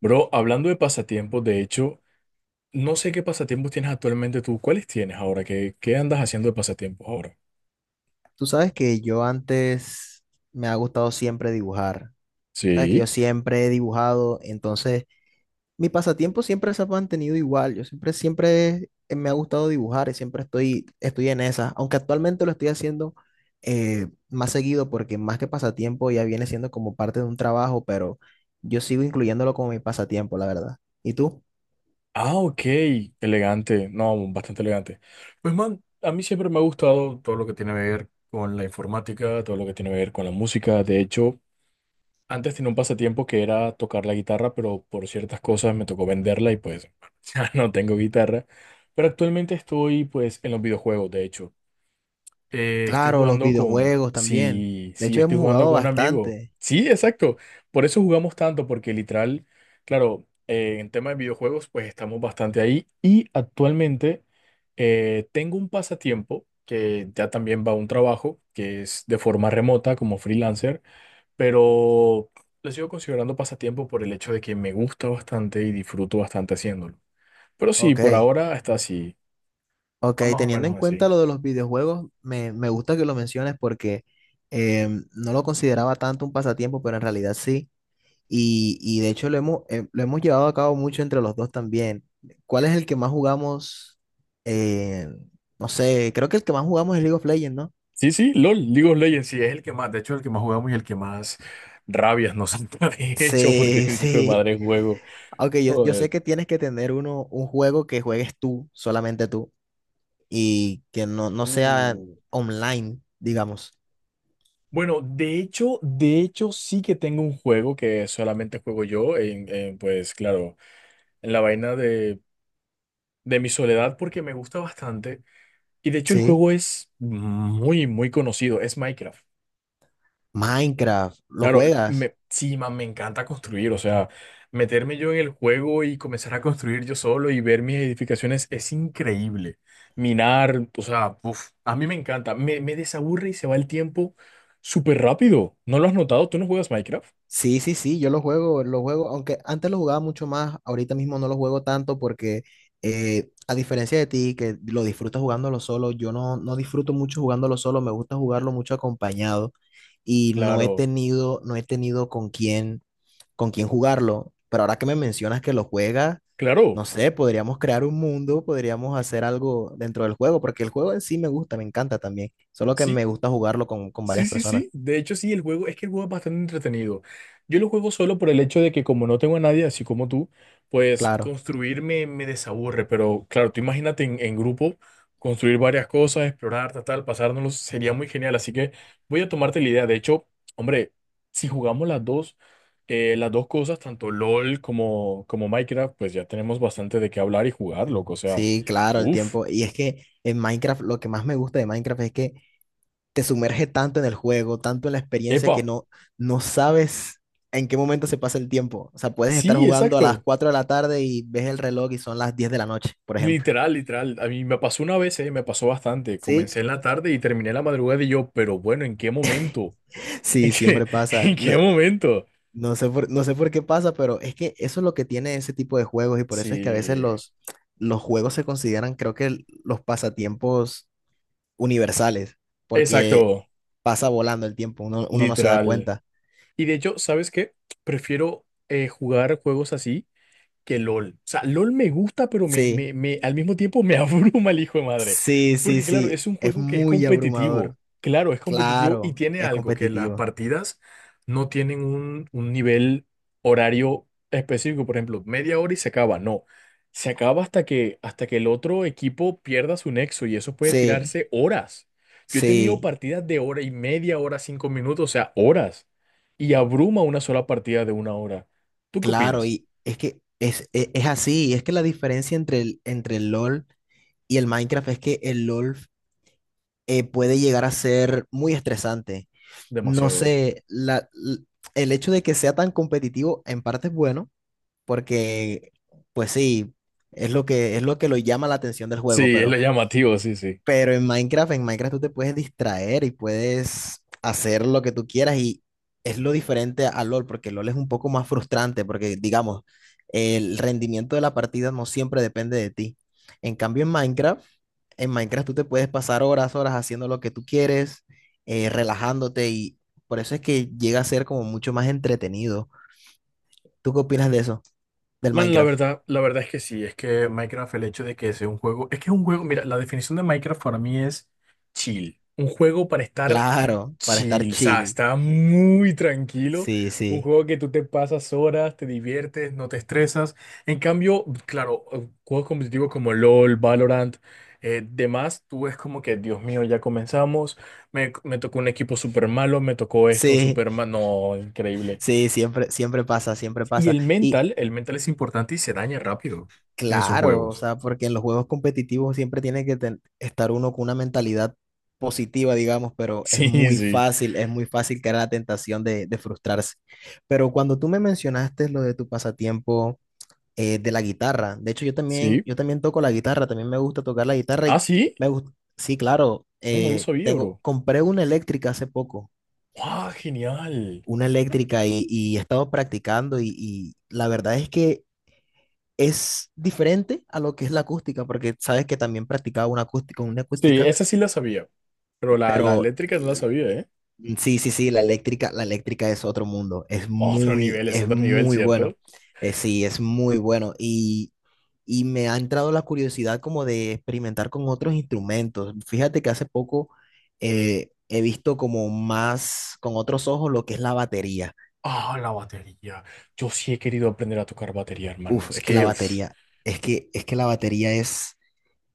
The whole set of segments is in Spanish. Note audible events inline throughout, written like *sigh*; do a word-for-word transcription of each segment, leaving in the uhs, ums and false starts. Bro, hablando de pasatiempos, de hecho, no sé qué pasatiempos tienes actualmente tú. ¿Cuáles tienes ahora? ¿Qué, qué andas haciendo de pasatiempos ahora? Tú sabes que yo antes me ha gustado siempre dibujar. Sabes que yo Sí. siempre he dibujado, entonces mi pasatiempo siempre se ha mantenido igual. Yo siempre, siempre eh, me ha gustado dibujar y siempre estoy, estoy en esa. Aunque actualmente lo estoy haciendo eh, más seguido porque más que pasatiempo ya viene siendo como parte de un trabajo, pero yo sigo incluyéndolo como mi pasatiempo, la verdad. ¿Y tú? Ah, ok, elegante, no, bastante elegante. Pues man, a mí siempre me ha gustado todo lo que tiene que ver con la informática, todo lo que tiene que ver con la música. De hecho, antes tenía un pasatiempo que era tocar la guitarra, pero por ciertas cosas me tocó venderla y pues *laughs* ya no tengo guitarra. Pero actualmente estoy pues en los videojuegos, de hecho. Eh, estoy Claro, los jugando con... videojuegos también. Sí, De sí, hecho, estoy hemos jugando jugado con un amigo. bastante. Sí, exacto. Por eso jugamos tanto, porque literal, claro, eh, en tema de videojuegos, pues estamos bastante ahí. Y actualmente eh, tengo un pasatiempo que ya también va a un trabajo, que es de forma remota como freelancer, pero lo sigo considerando pasatiempo por el hecho de que me gusta bastante y disfruto bastante haciéndolo. Pero sí, por Ok. ahora está así, Ok, va más o teniendo en menos cuenta así. lo de los videojuegos, me, me gusta que lo menciones porque em, no lo consideraba tanto un pasatiempo, pero en realidad sí. Y, y de hecho lo hemos, eh, lo hemos llevado a cabo mucho entre los dos también. ¿Cuál es el que más jugamos? Eh, no sé, creo que el que más jugamos es League of Legends, ¿no? Sí, sí, LOL, League of Legends, sí, es el que más, de hecho, el que más jugamos y el que más rabias nos han *laughs* de hecho, porque Sí, *laughs* es hijo de sí. madre juego. Aunque yo, yo Joder. sé que tienes que tener uno, un juego que juegues tú, solamente tú, y que no, no sea Uh. online, digamos. Bueno, de hecho, de hecho, sí que tengo un juego que solamente juego yo, en, en, pues claro, en la vaina de, de mi soledad, porque me gusta bastante. Y de hecho, el Sí. juego es muy, muy conocido, es Minecraft. Minecraft, ¿lo Claro, juegas? me, sí, man, me encanta construir, o sea, meterme yo en el juego y comenzar a construir yo solo y ver mis edificaciones es increíble. Minar, o sea, uf, a mí me encanta, me, me desaburre y se va el tiempo súper rápido. ¿No lo has notado? ¿Tú no juegas Minecraft? Sí, sí, sí, yo lo juego, lo juego, aunque antes lo jugaba mucho más, ahorita mismo no lo juego tanto porque eh, a diferencia de ti, que lo disfrutas jugándolo solo, yo no, no disfruto mucho jugándolo solo, me gusta jugarlo mucho acompañado y no he Claro, tenido, no he tenido con quién, con quién jugarlo, pero ahora que me mencionas que lo juegas, claro, no sé, podríamos crear un mundo, podríamos hacer algo dentro del juego, porque el juego en sí me gusta, me encanta también, solo que sí. me gusta jugarlo con, con Sí, varias sí, personas, sí. De hecho, sí, el juego, es que el juego es bastante entretenido. Yo lo juego solo por el hecho de que como no tengo a nadie, así como tú, pues claro. construir me, me desaburre. Pero claro, tú imagínate en, en grupo, construir varias cosas, explorar, tal, tal, pasárnoslos, sería muy genial. Así que voy a tomarte la idea. De hecho, hombre, si jugamos las dos, eh, las dos cosas, tanto LOL como, como Minecraft, pues ya tenemos bastante de qué hablar y jugar, loco. O sea, Sí, claro, el uff. tiempo. Y es que en Minecraft lo que más me gusta de Minecraft es que te sumerge tanto en el juego, tanto en la experiencia Epa, que no, no sabes en qué momento se pasa el tiempo. O sea, puedes estar sí, jugando a las exacto. cuatro de la tarde y ves el reloj y son las diez de la noche, por ejemplo. Literal, literal. A mí me pasó una vez, eh, me pasó bastante. Sí, Comencé en la tarde y terminé en la madrugada y yo, pero bueno, ¿en qué momento? ¿En sí, qué, siempre *laughs* pasa. en No, qué momento? no sé por, no sé por qué pasa, pero es que eso es lo que tiene ese tipo de juegos y por eso es que a veces Sí, los, los juegos se consideran, creo que los pasatiempos universales, porque exacto, pasa volando el tiempo, uno, uno no se da literal. cuenta. Y de hecho, ¿sabes qué? Prefiero eh, jugar juegos así que LOL. O sea, LOL me gusta, pero me, Sí, me, me- al mismo tiempo me *laughs* abruma el hijo de madre. sí, sí, Porque claro, sí, es un es juego que es muy competitivo. abrumador, Claro, es competitivo y claro, tiene es algo, que las competitivo. partidas no tienen un, un nivel horario específico. Por ejemplo, media hora y se acaba. No. Se acaba hasta que, hasta que el otro equipo pierda su nexo y eso puede Sí, tirarse horas. Yo he tenido sí, partidas de hora y media, hora, cinco minutos, o sea, horas. Y abruma una sola partida de una hora. ¿Tú qué claro, opinas? y es que es, es, es así, y es que la diferencia entre el, entre el LOL y el Minecraft es que el LOL eh, puede llegar a ser muy estresante. No Demasiado. sé, la, l- el hecho de que sea tan competitivo en parte es bueno porque, pues sí, es lo que, es lo que lo llama la atención del juego, Sí, es lo pero, llamativo, sí, sí. pero en Minecraft, en Minecraft tú te puedes distraer y puedes hacer lo que tú quieras y es lo diferente a LOL, porque LOL es un poco más frustrante, porque digamos, el rendimiento de la partida no siempre depende de ti. En cambio, en Minecraft, en Minecraft tú te puedes pasar horas, horas haciendo lo que tú quieres, eh, relajándote y por eso es que llega a ser como mucho más entretenido. ¿Tú qué opinas de eso, del Man, la Minecraft? verdad, la verdad es que sí, es que Minecraft, el hecho de que sea un juego, es que es un juego, mira, la definición de Minecraft para mí es chill, un juego para estar Claro, para estar chill, o sea, chill. está muy tranquilo, Sí, un sí, juego que tú te pasas horas, te diviertes, no te estresas, en cambio, claro, eh, juegos competitivos como LOL, Valorant, eh, demás, tú es como que, Dios mío, ya comenzamos, me, me tocó un equipo súper malo, me tocó esto sí, súper malo, no, increíble. sí, siempre, siempre pasa, siempre Y pasa. el Y mental, el mental es importante y se daña rápido en esos claro, o juegos. sea, *laughs* porque en los juegos competitivos siempre tiene que ten- estar uno con una mentalidad positiva, digamos, pero es Sí, muy sí, fácil, es muy fácil caer en la tentación de, de frustrarse. Pero cuando tú me mencionaste lo de tu pasatiempo eh, de la guitarra, de hecho yo también, sí. yo también toco la guitarra, también me gusta tocar la guitarra Ah, y sí. me gusta, sí, claro, No, no lo eh, sabía, tengo, bro. compré una eléctrica hace poco. ¡Ah, genial! Una eléctrica y, y he estado practicando y, y la verdad es que es diferente a lo que es la acústica, porque sabes que también practicaba una acústica, una Sí, acústica, esa sí la sabía, pero la, la pero eléctrica no la l- sabía, ¿eh? sí, sí, sí, la eléctrica, la eléctrica es otro mundo, es Otro muy, nivel, es es otro nivel, muy bueno. ¿cierto? Eh, sí, es muy bueno y, y me ha entrado la curiosidad como de experimentar con otros instrumentos. Fíjate que hace poco eh, he visto como más con otros ojos lo que es la batería. Ah, la batería. Yo sí he querido aprender a tocar batería, hermano. Uf, Es es que la que, uf, batería, es que, es que la batería es,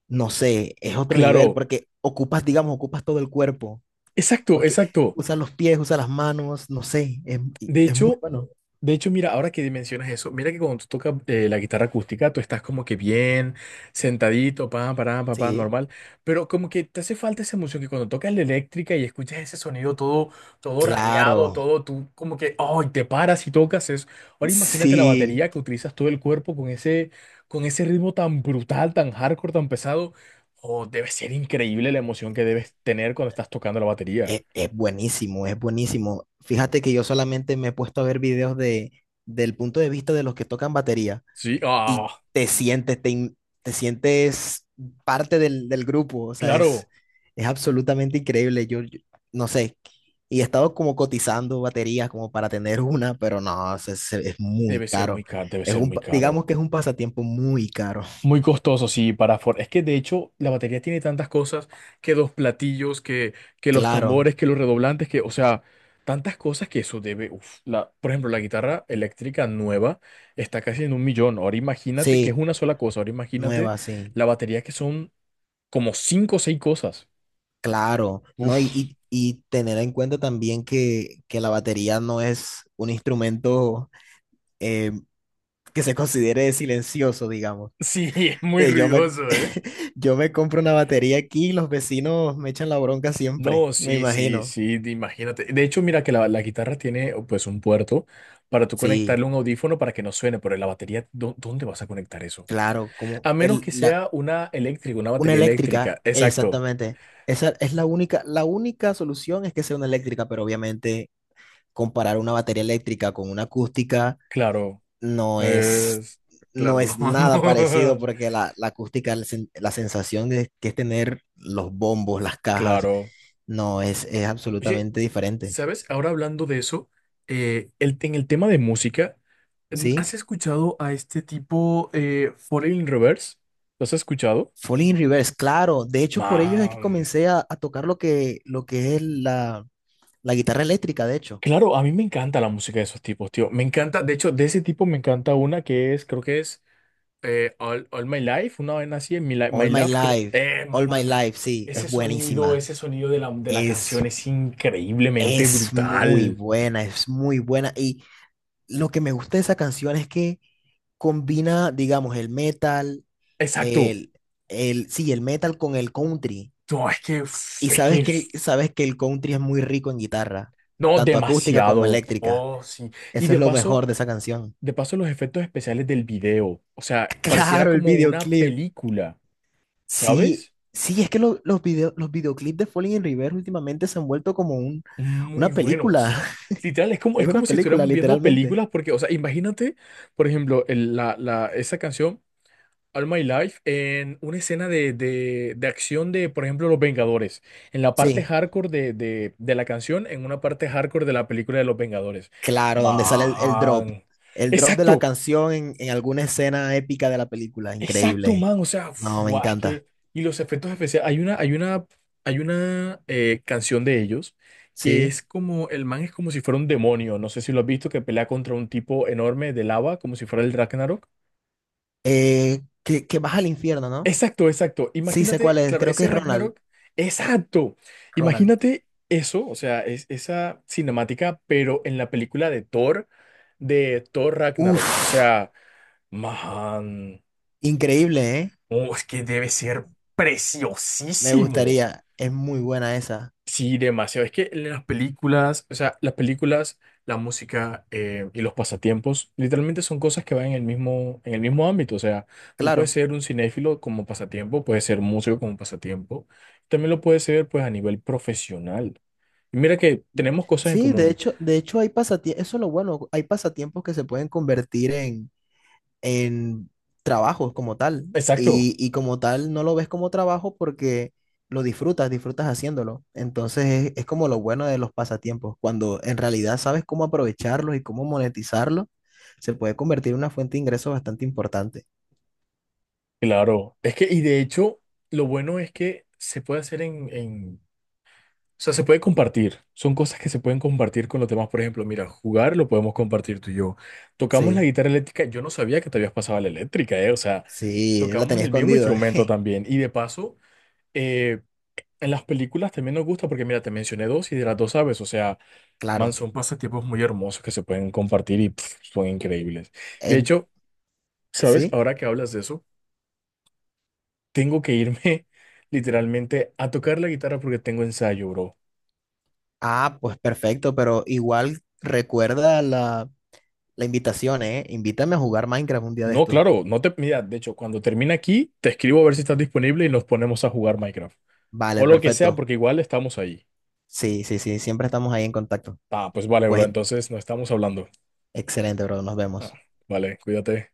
no sé, es otro nivel claro, porque ocupas, digamos, ocupas todo el cuerpo, exacto, porque exacto. usas los pies, usas las manos, no sé, es, y- De es muy hecho, bueno. de hecho, mira, ahora que mencionas eso, mira que cuando tú tocas eh, la guitarra acústica, tú estás como que bien sentadito, pa, para, pa, pa, Sí, normal, pero como que te hace falta esa emoción que cuando tocas la eléctrica y escuchas ese sonido todo, todo rayado, claro, todo, tú como que, oh, y te paras y tocas eso. Ahora imagínate la sí, batería que utilizas todo el cuerpo con ese, con ese ritmo tan brutal, tan hardcore, tan pesado. Oh, debe ser increíble la emoción que debes tener cuando estás tocando la batería. es, es buenísimo, es buenísimo. Fíjate que yo solamente me he puesto a ver videos de, del punto de vista de los que tocan batería. Sí, Y ah, te sientes, te, in- te sientes parte del, del grupo, o sea, es, claro, es absolutamente increíble, yo, yo no sé, y he estado como cotizando baterías como para tener *laughs* una, pero no, se- se- es muy debe ser muy caro, caro, debe es ser un, muy pa- digamos caro. que es un pasatiempo muy caro, Muy costoso, sí, para Ford. Es que de hecho la batería tiene tantas cosas que dos platillos, que, que los claro, tambores, que los redoblantes, que, o sea, tantas cosas que eso debe. Uf, la, por ejemplo, la guitarra eléctrica nueva está casi en un millón. Ahora imagínate que es sí, una sola cosa. Ahora imagínate nueva, sí, la batería que son como cinco o seis cosas. claro, Uf, ¿no? Y, y, y tener en cuenta también que, que la batería no es un instrumento eh, que se considere silencioso, digamos. sí, *laughs* es muy Eh, yo me, ruidoso, ¿eh? *laughs* yo me compro una batería aquí y los vecinos me echan la bronca No, siempre, me sí, sí, imagino. sí, de- imagínate. De hecho, mira que la, la guitarra tiene oh, pues un puerto para tú Sí, conectarle un audífono para que no suene, pero en la batería, ¿dó- ¿dónde vas a conectar eso? claro, como A menos el, que la, sea una eléctrica, una una batería eléctrica, eléctrica. Exacto, exactamente. Esa es la única, la única solución es que sea una eléctrica, pero obviamente comparar una batería eléctrica con una acústica claro. no es, Es- no claro, no, es *laughs* nada parecido no. porque la, la acústica, la, sen- la sensación de, que es tener los bombos, las cajas, Claro. no es, es Oye, absolutamente diferente. ¿sabes? Ahora hablando de eso, eh, el, en el tema de música, mm, ¿Sí? ¿has escuchado a este tipo eh, Foreign Reverse? ¿Lo has escuchado? Falling in Reverse, claro. De hecho, por ellos es que Mam. comencé a, a tocar lo que, lo que es la, la guitarra eléctrica, de hecho. Claro, a mí me encanta la música de esos tipos, tío. Me encanta, de hecho, de ese tipo me encanta una que es, creo que es eh, All, All My Life, una vez así, en Mi Li- All My My Love, creo. Life, Eh, All My Man, Life, sí, es ese sonido, buenísima. ese sonido de la, de la Es, canción es increíblemente es muy brutal. buena, es muy buena. Y lo que me gusta de esa canción es que combina, digamos, el metal, Exacto. el, el, sí, el metal con el country. No, es que, uf, Y es sabes que, uf, que, sabes que el country es muy rico en guitarra, no, tanto acústica como demasiado. eléctrica. Oh, sí. Y Eso de es lo mejor paso, de esa canción. de paso, los efectos especiales del video. O sea, *laughs* pareciera Claro, el como una videoclip. película, Sí, ¿sabes? sí, es que lo- los video- los videoclips de Falling in Reverse últimamente se han vuelto como un, Muy una película. buenos. Literal, *laughs* es como, Es es una como si película, estuviéramos viendo literalmente. películas, porque, o sea, imagínate, por ejemplo, el- la, la, esa canción, All My Life, en una escena de, de, de acción de, por ejemplo, Los Vengadores, en la parte Sí, hardcore de, de, de la canción, en una parte hardcore de la película de Los Vengadores. claro, donde sale el, el drop. Man. El drop de la Exacto, canción en, en alguna escena épica de la película. exacto, Increíble. man, o sea, No, me fuá, es encanta. que y los efectos especiales, hay una, hay una, hay una eh, canción de ellos que Sí. es como, el man es como si fuera un demonio, no sé si lo has visto, que pelea contra un tipo enorme de lava, como si fuera el Ragnarok. Eh, que, que baja al infierno, ¿no? Exacto, exacto, Sí, sé cuál imagínate, es. claro, Creo que ese es Ronald. Ragnarok, exacto, Ronald. imagínate eso, o sea, es, esa cinemática, pero en la película de Thor, de Thor Ragnarok, o Uf, sea, man, increíble, ¿eh? oh, es que debe ser Me preciosísimo. gustaría. Es muy buena esa. Sí, demasiado. Es que las películas, o sea, las películas, la música eh, y los pasatiempos, literalmente son cosas que van en el mismo, en el mismo ámbito. O sea, tú puedes Claro. ser un cinéfilo como pasatiempo, puedes ser músico como pasatiempo, también lo puedes ser pues a nivel profesional. Y mira que tenemos cosas en Sí, de común. hecho, de hecho hay pasatiempos, eso es lo bueno, hay pasatiempos que se pueden convertir en, en trabajos como tal. Exacto, Y, y como tal no lo ves como trabajo porque lo disfrutas, disfrutas haciéndolo. Entonces es, es como lo bueno de los pasatiempos. Cuando en realidad sabes cómo aprovecharlos y cómo monetizarlos, se puede convertir en una fuente de ingresos bastante importante. claro. Es que, y de hecho, lo bueno es que se puede hacer en, en o sea, se puede compartir. Son cosas que se pueden compartir con los demás. Por ejemplo, mira, jugar lo podemos compartir tú y yo. Tocamos la Sí, guitarra eléctrica. Yo no sabía que te habías pasado a la eléctrica, ¿eh? O sea, sí, la tocamos tenía el mismo escondido, *laughs* instrumento eh, también. Y de paso, eh, en las películas también nos gusta porque, mira, te mencioné dos y de las dos sabes. O sea, man, claro. son pasatiempos muy hermosos que se pueden compartir y pf, son increíbles. De En, hecho, ¿sabes? sí. Ahora que hablas de eso, tengo que irme *laughs* literalmente a tocar la guitarra porque tengo ensayo, bro. Ah, pues perfecto, pero igual recuerda la la invitación, ¿eh? Invítame a jugar Minecraft un día de No, estos. claro, no te. Mira, de hecho, cuando termine aquí, te escribo a ver si estás disponible y nos ponemos a jugar Minecraft. O Vale, lo que sea, perfecto. porque igual estamos ahí. Sí, sí, sí, siempre estamos ahí en contacto. Ah, pues vale, bro, Pues entonces no estamos hablando. excelente, bro, nos Ah, vemos. vale, cuídate.